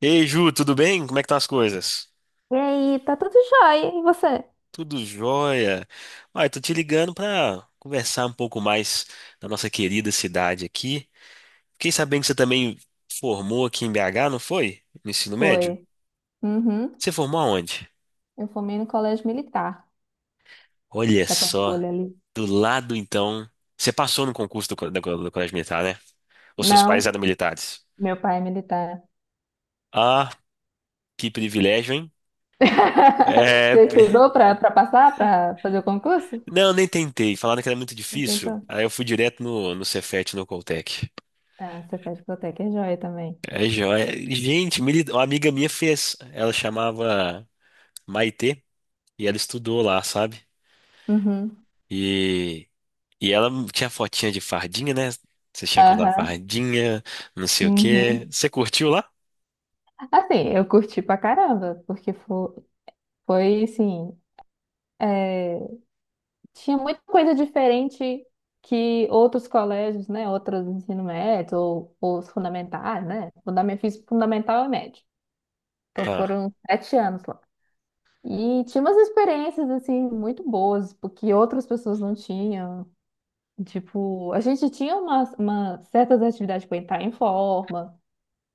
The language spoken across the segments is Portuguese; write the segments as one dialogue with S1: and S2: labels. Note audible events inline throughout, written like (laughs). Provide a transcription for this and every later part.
S1: Ei, Ju, tudo bem? Como é que estão as coisas?
S2: E aí, tá tudo jóia. E você?
S1: Tudo jóia. Olha, tô te ligando para conversar um pouco mais da nossa querida cidade aqui. Fiquei sabendo que você também formou aqui em BH, não foi? No ensino médio?
S2: Foi. Uhum.
S1: Você formou aonde?
S2: Eu formei no colégio militar
S1: Olha
S2: da
S1: só,
S2: Pampulha ali.
S1: do lado então. Você passou no concurso do Colégio Militar, né? Os seus pais
S2: Não,
S1: eram militares.
S2: meu pai é militar.
S1: Ah, que privilégio, hein?
S2: (laughs)
S1: É.
S2: Você
S1: (laughs)
S2: estudou pra passar, pra fazer o concurso?
S1: Não, nem tentei. Falaram que era muito
S2: Você
S1: difícil.
S2: tentou.
S1: Aí eu fui direto no Cefet, no Coltec.
S2: Ah, você faz biblioteca, é joia também.
S1: É joia. Gente, uma amiga minha fez. Ela chamava Maitê e ela estudou lá, sabe?
S2: Uhum.
S1: E, e ela tinha fotinha de fardinha, né? Você tinha que usar
S2: Aham.
S1: fardinha, não sei o quê.
S2: Uhum.
S1: Você curtiu lá?
S2: Assim, eu curti pra caramba, porque foi assim, é, tinha muita coisa diferente que outros colégios, né? Outros ensino médio ou os fundamentais, né? Fundamental, fiz fundamental e médio. Então
S1: Ah,
S2: foram 7 anos lá. E tinha umas experiências, assim, muito boas, porque outras pessoas não tinham. Tipo, a gente tinha certas atividades para entrar em forma,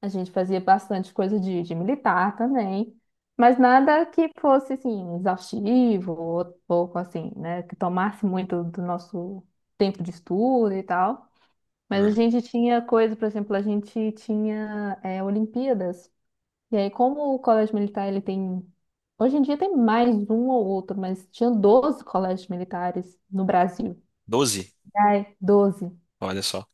S2: a gente fazia bastante coisa de militar também, mas nada que fosse assim exaustivo ou pouco assim, né, que tomasse muito do nosso tempo de estudo e tal. Mas a
S1: hum,
S2: gente tinha coisa, por exemplo, a gente tinha Olimpíadas. E aí, como o colégio militar ele tem. Hoje em dia tem mais um ou outro, mas tinha 12 colégios militares no Brasil.
S1: 12?
S2: Ai, 12.
S1: Olha só.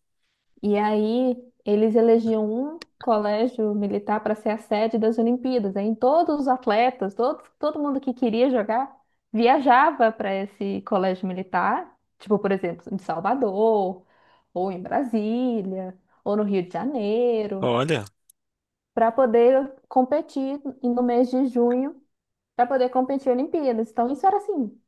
S2: E aí eles elegiam um colégio militar para ser a sede das Olimpíadas. Aí todos os atletas, todo mundo que queria jogar, viajava para esse colégio militar, tipo, por exemplo, em Salvador, ou em Brasília, ou no Rio de Janeiro,
S1: Olha.
S2: para poder competir no mês de junho, para poder competir em Olimpíadas. Então isso era assim,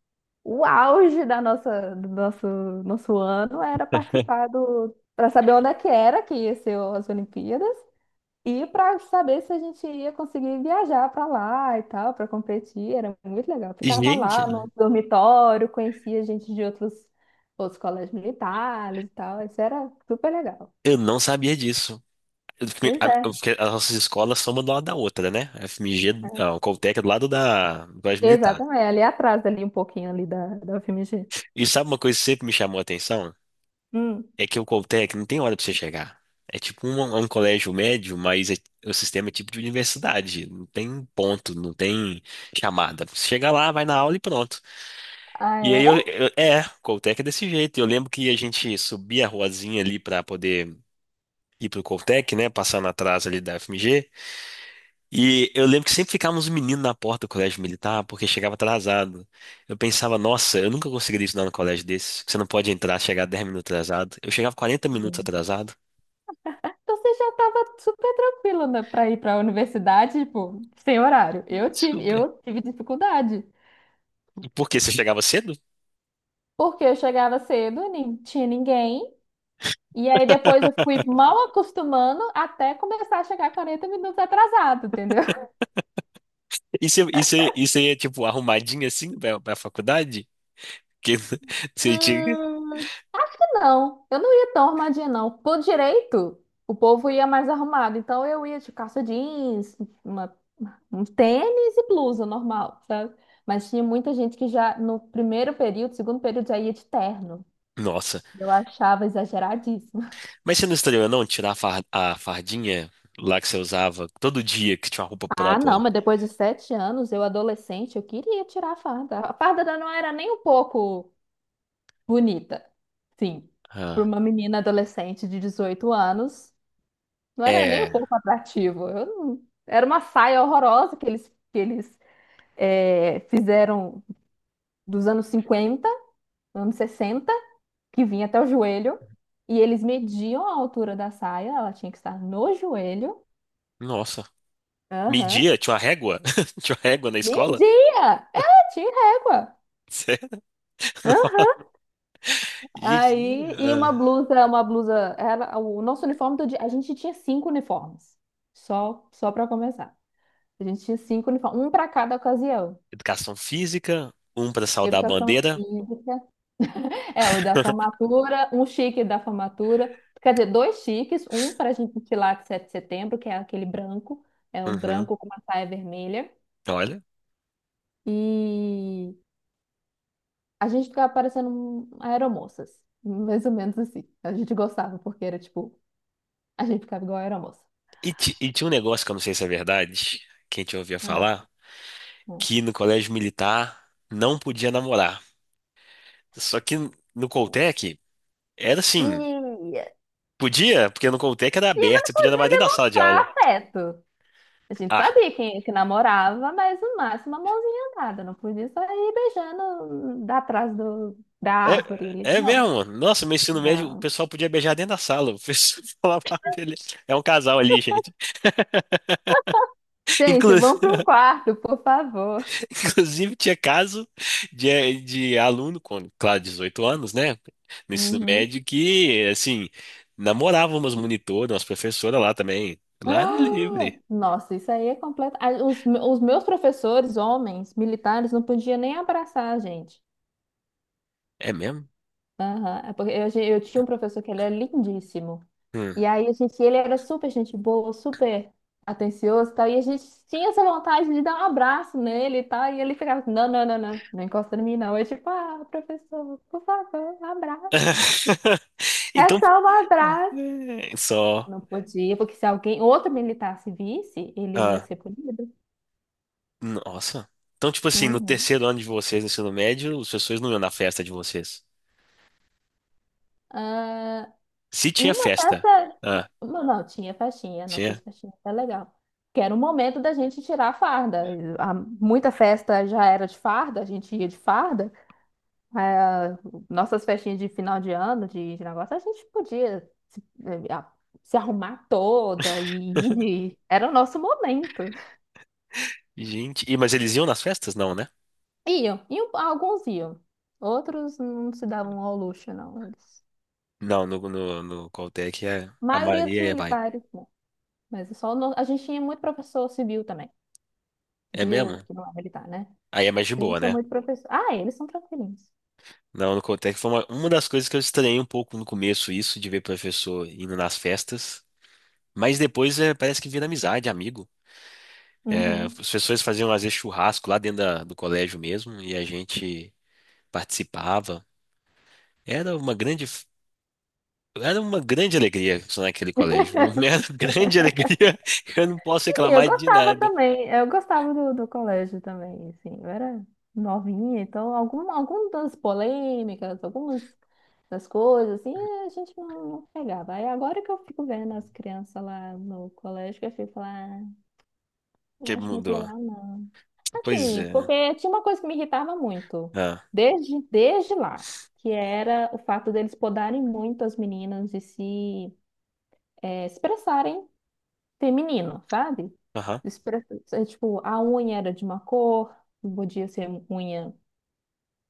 S2: o auge da nosso ano era participar do, para saber onde é que era que ia ser as Olimpíadas e para saber se a gente ia conseguir viajar para lá e tal, para competir. Era muito legal.
S1: E
S2: Ficava lá no
S1: gente,
S2: dormitório, conhecia gente de outros colégios militares e tal. Isso era super legal.
S1: eu não sabia disso.
S2: Pois é,
S1: Porque as nossas escolas são uma do lado da outra, né? A FMG,
S2: é.
S1: a Coltec é do lado da do Colégio Militar.
S2: Exatamente. Ali atrás, ali um pouquinho ali da UFMG.
S1: E sabe uma coisa que sempre me chamou a atenção?
S2: Hum.
S1: É que o Coltec não tem hora pra você chegar. É um colégio médio, mas o sistema é tipo de universidade. Não tem ponto, não tem chamada. Você chega lá, vai na aula e pronto.
S2: Ah,
S1: E aí
S2: é?
S1: o Coltec é desse jeito. Eu lembro que a gente subia a ruazinha ali pra poder ir pro Coltec, né? Passando atrás ali da FMG. E eu lembro que sempre ficavam uns meninos na porta do Colégio Militar, porque chegava atrasado. Eu pensava, nossa, eu nunca conseguiria estudar no colégio desse. Você não pode entrar, chegar 10 minutos atrasado. Eu chegava 40 minutos atrasado.
S2: Então você já estava super tranquilo, né, para ir para a universidade, tipo, sem horário. Eu tive,
S1: Super.
S2: eu tive dificuldade,
S1: Porque você chegava cedo?
S2: porque eu chegava cedo, nem tinha ninguém, e aí depois eu fui mal acostumando até começar a chegar 40 minutos atrasado, entendeu? (laughs)
S1: E você ia, tipo, arrumadinha assim pra faculdade? Que (laughs) você tinha.
S2: Não, eu não ia tão arrumadinha, não. Por direito, o povo ia mais arrumado, então eu ia de calça jeans, uma, um tênis e blusa normal, sabe? Mas tinha muita gente que já no primeiro período, segundo período, já ia de terno.
S1: Nossa.
S2: Eu achava exageradíssimo.
S1: Mas você não estranhou não tirar a a fardinha lá que você usava todo dia, que tinha uma roupa
S2: Ah, não,
S1: própria?
S2: mas depois de 7 anos, eu adolescente, eu queria tirar a farda. A farda não era nem um pouco bonita. Sim, para
S1: Ah,
S2: uma menina adolescente de 18 anos, não era nem um
S1: é.
S2: pouco atrativo. Eu não- Era uma saia horrorosa que eles, que eles fizeram dos anos 50, anos 60, que vinha até o joelho. E eles mediam a altura da saia, ela tinha que estar no joelho.
S1: Nossa.
S2: Aham.
S1: Media? Tinha uma régua? (laughs) Tinha uma régua na escola?
S2: Meio-dia! É, tinha régua.
S1: (laughs) Sério? Nossa.
S2: Aham.
S1: Gente,
S2: Aí, e uma
S1: ah.
S2: blusa, uma blusa, era o nosso uniforme todo dia, a gente tinha cinco uniformes. Só para começar. A gente tinha cinco uniformes, um para cada ocasião.
S1: Educação física, um pra saudar a
S2: Educação
S1: bandeira.
S2: física, o da
S1: (laughs)
S2: formatura, um chique da formatura, quer dizer, dois chiques, um para a gente desfilar de 7 de setembro, que é aquele branco, é um
S1: Uhum.
S2: branco com uma saia vermelha,
S1: Olha.
S2: e a gente ficava parecendo um aeromoças. Mais ou menos assim. A gente gostava, porque era tipo, a gente ficava igual a aeromoça.
S1: E e tinha um negócio que eu não sei se é verdade, que a gente ouvia
S2: Ah,
S1: falar,
S2: ah.
S1: que no colégio militar não podia namorar. Só que no Coltec era assim,
S2: Tia,
S1: podia, porque no Coltec era
S2: tia, mas
S1: aberto,
S2: não
S1: você podia namorar
S2: podia
S1: dentro da sala de
S2: demonstrar
S1: aula.
S2: afeto. A gente
S1: Ah,
S2: sabia quem que namorava, mas no máximo uma mãozinha dada. Não podia sair beijando da trás da árvore
S1: é,
S2: ali.
S1: é
S2: Não,
S1: mesmo. Nossa, meu ensino médio, o
S2: não.
S1: pessoal podia beijar dentro da sala. O pessoal (laughs) falava, "Ah, beleza. É um casal ali, gente."
S2: Gente,
S1: Inclu-
S2: vamos para um
S1: (laughs)
S2: quarto, por favor.
S1: Inclusive, tinha caso de aluno, com, claro, 18 anos, né? No ensino
S2: Uhum.
S1: médio, que, assim, namorava umas monitoras, umas professoras lá também.
S2: (gasps)
S1: Lá no
S2: Ah!
S1: livre.
S2: Nossa, isso aí é completo. Ah, os meus professores, homens, militares, não podiam nem abraçar a gente.
S1: É mesmo?
S2: Aham, é porque eu tinha um professor que ele era lindíssimo.
S1: Hum.
S2: E aí, ele era super gente boa, super atencioso e tal. E a gente tinha essa vontade de dar um abraço nele e tal. E ele ficava assim, não, não, não, não, não encosta em mim, não. Eu tipo, ah, professor, por favor, um abraço.
S1: (laughs)
S2: É
S1: Então,
S2: só um abraço.
S1: é, só.
S2: Não podia, porque se alguém, outro militar se visse, ele ia
S1: Ah,
S2: ser punido.
S1: nossa. Então, tipo assim, no
S2: Uhum.
S1: terceiro ano de vocês, no ensino médio, os professores não iam na festa de vocês.
S2: Ah,
S1: Se
S2: e
S1: tinha
S2: uma
S1: festa.
S2: festa.
S1: Ah,
S2: Não, não, tinha festinha, nossas
S1: tinha.
S2: festinhas era legal. Que era o momento da gente tirar a farda. E muita festa já era de farda, a gente ia de farda. Ah, nossas festinhas de final de ano, de negócio, a gente podia se, eh, a- se arrumar toda e ir de. Era o nosso momento.
S1: Gente. Mas eles iam nas festas? Não, né?
S2: Iam, iam, alguns iam. Outros não se davam ao luxo, não. Eles.
S1: Não, no Coltec é,
S2: A
S1: a
S2: maioria dos
S1: Maria é, vai.
S2: militares, não. Mas só a gente tinha muito professor civil também.
S1: É
S2: Civil,
S1: mesmo?
S2: que não é militar, né?
S1: Aí é mais de
S2: A gente
S1: boa,
S2: tinha
S1: né?
S2: muito professor. Ah, eles são tranquilinhos.
S1: Não, no Coltec foi uma das coisas que eu estranhei um pouco no começo, isso de ver professor indo nas festas. Mas depois é, parece que vira amizade, amigo. É, os
S2: Uhum.
S1: professores faziam às vezes churrasco lá dentro do colégio mesmo e a gente participava. Era uma grande, era uma grande alegria estar naquele colégio, viu? (laughs) Era uma grande alegria. (laughs) Eu não posso
S2: Assim, eu
S1: reclamar de
S2: gostava
S1: nada.
S2: também, eu gostava do colégio também, assim, eu era novinha, então algumas polêmicas, algumas das coisas, assim, a gente não pegava. Aí agora que eu fico vendo as crianças lá no colégio, que eu fico lá, "Ah, não
S1: Que
S2: acho muito
S1: mudou.
S2: legal, não."
S1: Pois
S2: Assim,
S1: é, né?
S2: porque tinha uma coisa que me irritava muito,
S1: Ah,
S2: desde lá, que era o fato deles podarem muito as meninas de se expressarem feminino, sabe?
S1: aham.
S2: Tipo, a unha era de uma cor, não podia ser unha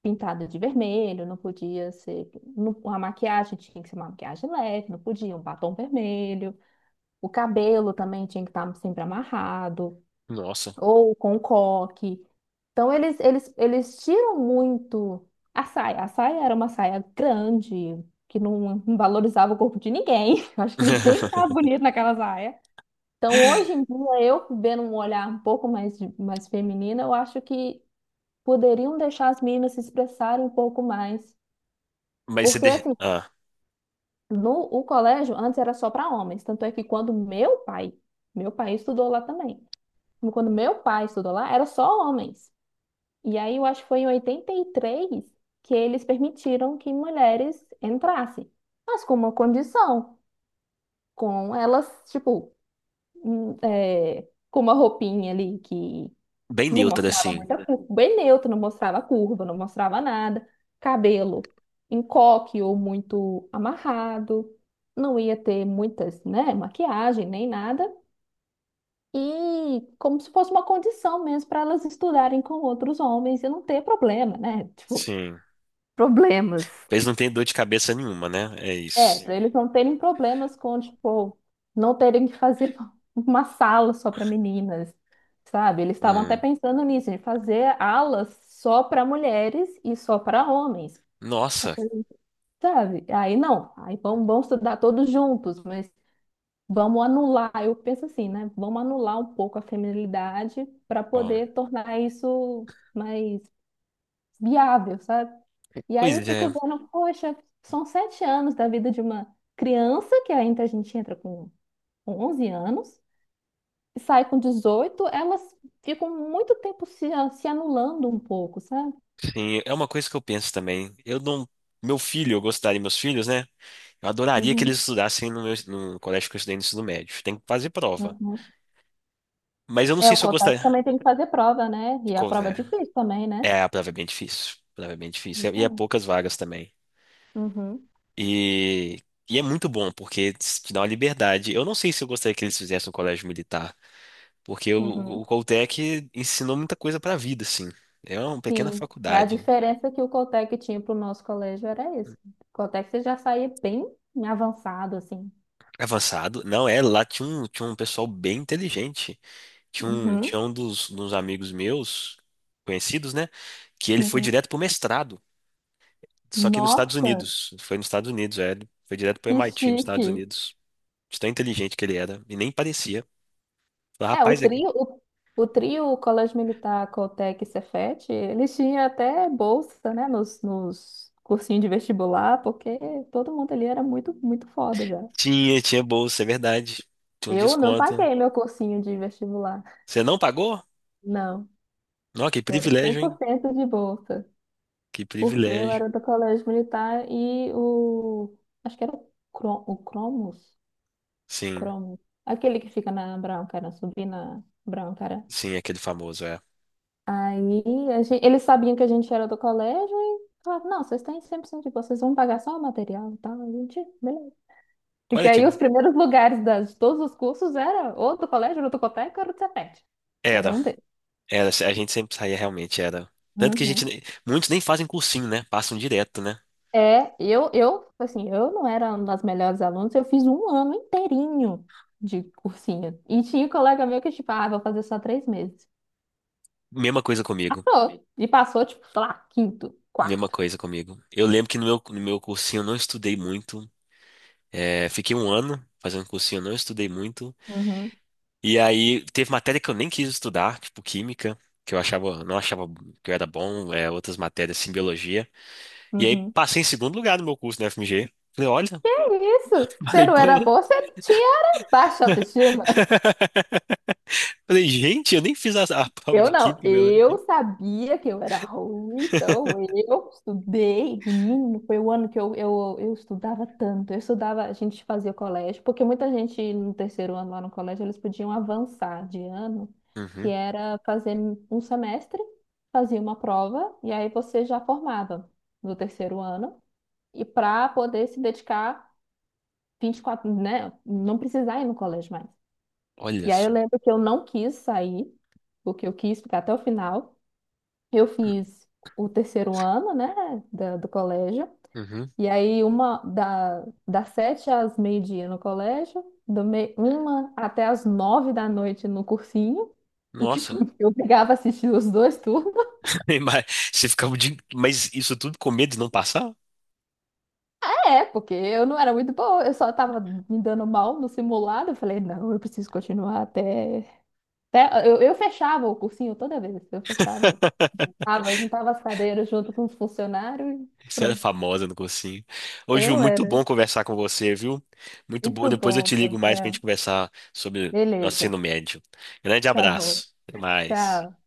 S2: pintada de vermelho, não podia ser. A maquiagem tinha que ser uma maquiagem leve, não podia, um batom vermelho. O cabelo também tinha que estar sempre amarrado,
S1: Nossa.
S2: ou com um coque. Então, eles tiram muito a saia. A saia era uma saia grande, que não valorizava o corpo de ninguém. (laughs) Eu acho que ninguém ficava
S1: (laughs)
S2: bonito naquela saia. Então, hoje em dia, eu vendo um olhar um pouco mais, mais feminino, eu acho que poderiam deixar as meninas se expressarem um pouco mais.
S1: Mas
S2: Porque, assim, no o colégio, antes era só para homens. Tanto é que quando meu pai estudou lá também. Quando meu pai estudou lá, era só homens. E aí, eu acho que foi em 83 que eles permitiram que mulheres entrassem. Mas com uma condição, com elas, tipo, hum, é, com uma roupinha ali que
S1: bem
S2: não
S1: neutra
S2: mostrava
S1: assim.
S2: muita curva, bem neutro, não mostrava curva, não mostrava nada. Cabelo em coque ou muito amarrado, não ia ter muitas, né, maquiagem nem nada. E como se fosse uma condição mesmo para elas estudarem com outros homens e não ter problema, né? (laughs) Tipo,
S1: Sim.
S2: problemas.
S1: Eles não têm dor de cabeça nenhuma, né? É
S2: É,
S1: isso.
S2: para eles não terem problemas com, tipo, não terem que fazer (laughs) uma sala só para meninas, sabe? Eles estavam até
S1: Hum.
S2: pensando nisso, de fazer alas só para mulheres e só para homens. Eu
S1: Nossa.
S2: falei, sabe? Aí não, aí vamos estudar todos juntos, mas vamos anular. Eu penso assim, né? Vamos anular um pouco a feminilidade para
S1: Bom.
S2: poder tornar isso mais viável, sabe? E aí eu
S1: Pois
S2: fico
S1: é.
S2: vendo, poxa, são sete anos da vida de uma criança, que ainda a gente entra com 11 anos, e sai com 18, elas ficam muito tempo se anulando um pouco, sabe?
S1: Sim, é uma coisa que eu penso também. Eu não. Meu filho, eu gostaria, meus filhos, né? Eu adoraria que eles
S2: Uhum,
S1: estudassem no colégio que eu estudei no ensino médio. Tem que fazer prova.
S2: uhum.
S1: Mas eu não
S2: É,
S1: sei
S2: o
S1: se eu
S2: COTAC
S1: gostaria.
S2: também tem que fazer prova, né? E a prova é
S1: É,
S2: difícil também, né?
S1: é, a prova é bem difícil. A prova é bem difícil.
S2: Isso
S1: E é
S2: aí.
S1: poucas vagas também.
S2: Uhum,
S1: E, e é muito bom, porque te dá uma liberdade. Eu não sei se eu gostaria que eles fizessem um colégio militar, porque o,
S2: uhum.
S1: o Coltec ensinou muita coisa pra vida, assim. É uma pequena
S2: Sim, a
S1: faculdade.
S2: diferença que o Coltec tinha para o nosso colégio era isso. O Coltec você já saía bem avançado, assim.
S1: Avançado. Não, lá tinha um, pessoal bem inteligente. Tinha um,
S2: Uhum,
S1: tinha um dos amigos meus, conhecidos, né? Que ele foi
S2: uhum.
S1: direto pro mestrado, só que nos Estados
S2: Nossa,
S1: Unidos. Foi nos Estados Unidos, é. Ele foi direto pro
S2: que
S1: MIT nos Estados
S2: chique.
S1: Unidos. De tão inteligente que ele era. E nem parecia. Falei,
S2: É,
S1: rapaz,
S2: o trio Colégio Militar, Coltec e Cefet, eles tinham até bolsa, né, nos cursinhos de vestibular, porque todo mundo ali era muito, muito foda já.
S1: tinha bolsa, é verdade. Tinha um
S2: Eu não
S1: desconto.
S2: paguei meu cursinho de vestibular,
S1: Você não pagou?
S2: não.
S1: Não, que
S2: Eu era
S1: privilégio, hein?
S2: 100% de bolsa,
S1: Que
S2: porque eu
S1: privilégio.
S2: era do Colégio Militar e o. Acho que era o Cromos,
S1: Sim,
S2: Cromos, aquele que fica na Brown, cara, subir na Brown, cara.
S1: sim, aquele famoso, é.
S2: Aí eles sabiam que a gente era do colégio e falavam, não, vocês têm 100% de boa, vocês vão pagar só o material e tal. A gente, beleza. E que
S1: Olha que.
S2: aí os primeiros lugares de todos os cursos era ou do colégio, ou do Cotec, ou do Cefet. Era
S1: Era,
S2: um deles.
S1: era. A gente sempre saía realmente, era. Tanto que a
S2: Uhum.
S1: gente. Nem- Muitos nem fazem cursinho, né? Passam direto, né?
S2: É, assim, eu não era uma das melhores alunas, eu fiz um ano inteirinho de cursinho. E tinha um colega meu que, tipo, ah, vou fazer só 3 meses.
S1: Mesma coisa comigo.
S2: Passou. E passou, tipo, sei lá, quinto,
S1: Mesma
S2: quarto.
S1: coisa comigo. Eu lembro que no meu cursinho eu não estudei muito. É, fiquei um ano fazendo cursinho, eu não estudei muito.
S2: Uhum,
S1: E aí teve matéria que eu nem quis estudar, tipo química, que eu achava, não achava que eu era bom, é, outras matérias, assim, biologia. E aí
S2: uhum.
S1: passei em segundo lugar no meu curso na FMG. Falei, olha,
S2: Isso,
S1: (laughs)
S2: você
S1: falei,
S2: não
S1: pô,
S2: era
S1: né?
S2: boa, você tinha era baixa autoestima.
S1: (laughs) Falei, gente, eu nem fiz a prova de
S2: Eu não,
S1: química, e
S2: eu
S1: biologia.
S2: sabia que eu era ruim, então eu estudei, menino, foi o ano que eu estudava tanto, eu estudava, a gente fazia colégio, porque muita gente no terceiro ano lá no colégio, eles podiam avançar de ano, que
S1: Uhum.
S2: era fazer um semestre, fazia uma prova, e aí você já formava no terceiro ano, e para poder se dedicar 24, né, não precisar ir no colégio mais.
S1: Olha
S2: E aí eu
S1: só.
S2: lembro que eu não quis sair, porque eu quis ficar até o final. Eu fiz o terceiro ano, né, do colégio.
S1: Uhum.
S2: E aí uma das 7 às meio-dia no colégio, do meio uma até às 9 da noite no cursinho, porque
S1: Nossa.
S2: (laughs) eu pegava assistir os dois turnos.
S1: (laughs) Mas Mas isso tudo com medo de não passar?
S2: É, porque eu não era muito boa, eu só tava me dando mal no simulado. Eu falei, não, eu preciso continuar até. Eu fechava o cursinho toda vez, eu fechava. Tava, juntava as cadeiras junto com os funcionários e
S1: Isso era
S2: pronto.
S1: famosa no cursinho. Ô, Ju,
S2: Eu
S1: muito
S2: era.
S1: bom conversar com você, viu? Muito bom.
S2: Muito
S1: Depois eu te
S2: bom,
S1: ligo mais pra
S2: Gabriel.
S1: gente conversar sobre nosso
S2: Beleza.
S1: ensino médio. Grande
S2: Tá bom.
S1: abraço. Até mais.
S2: Tchau.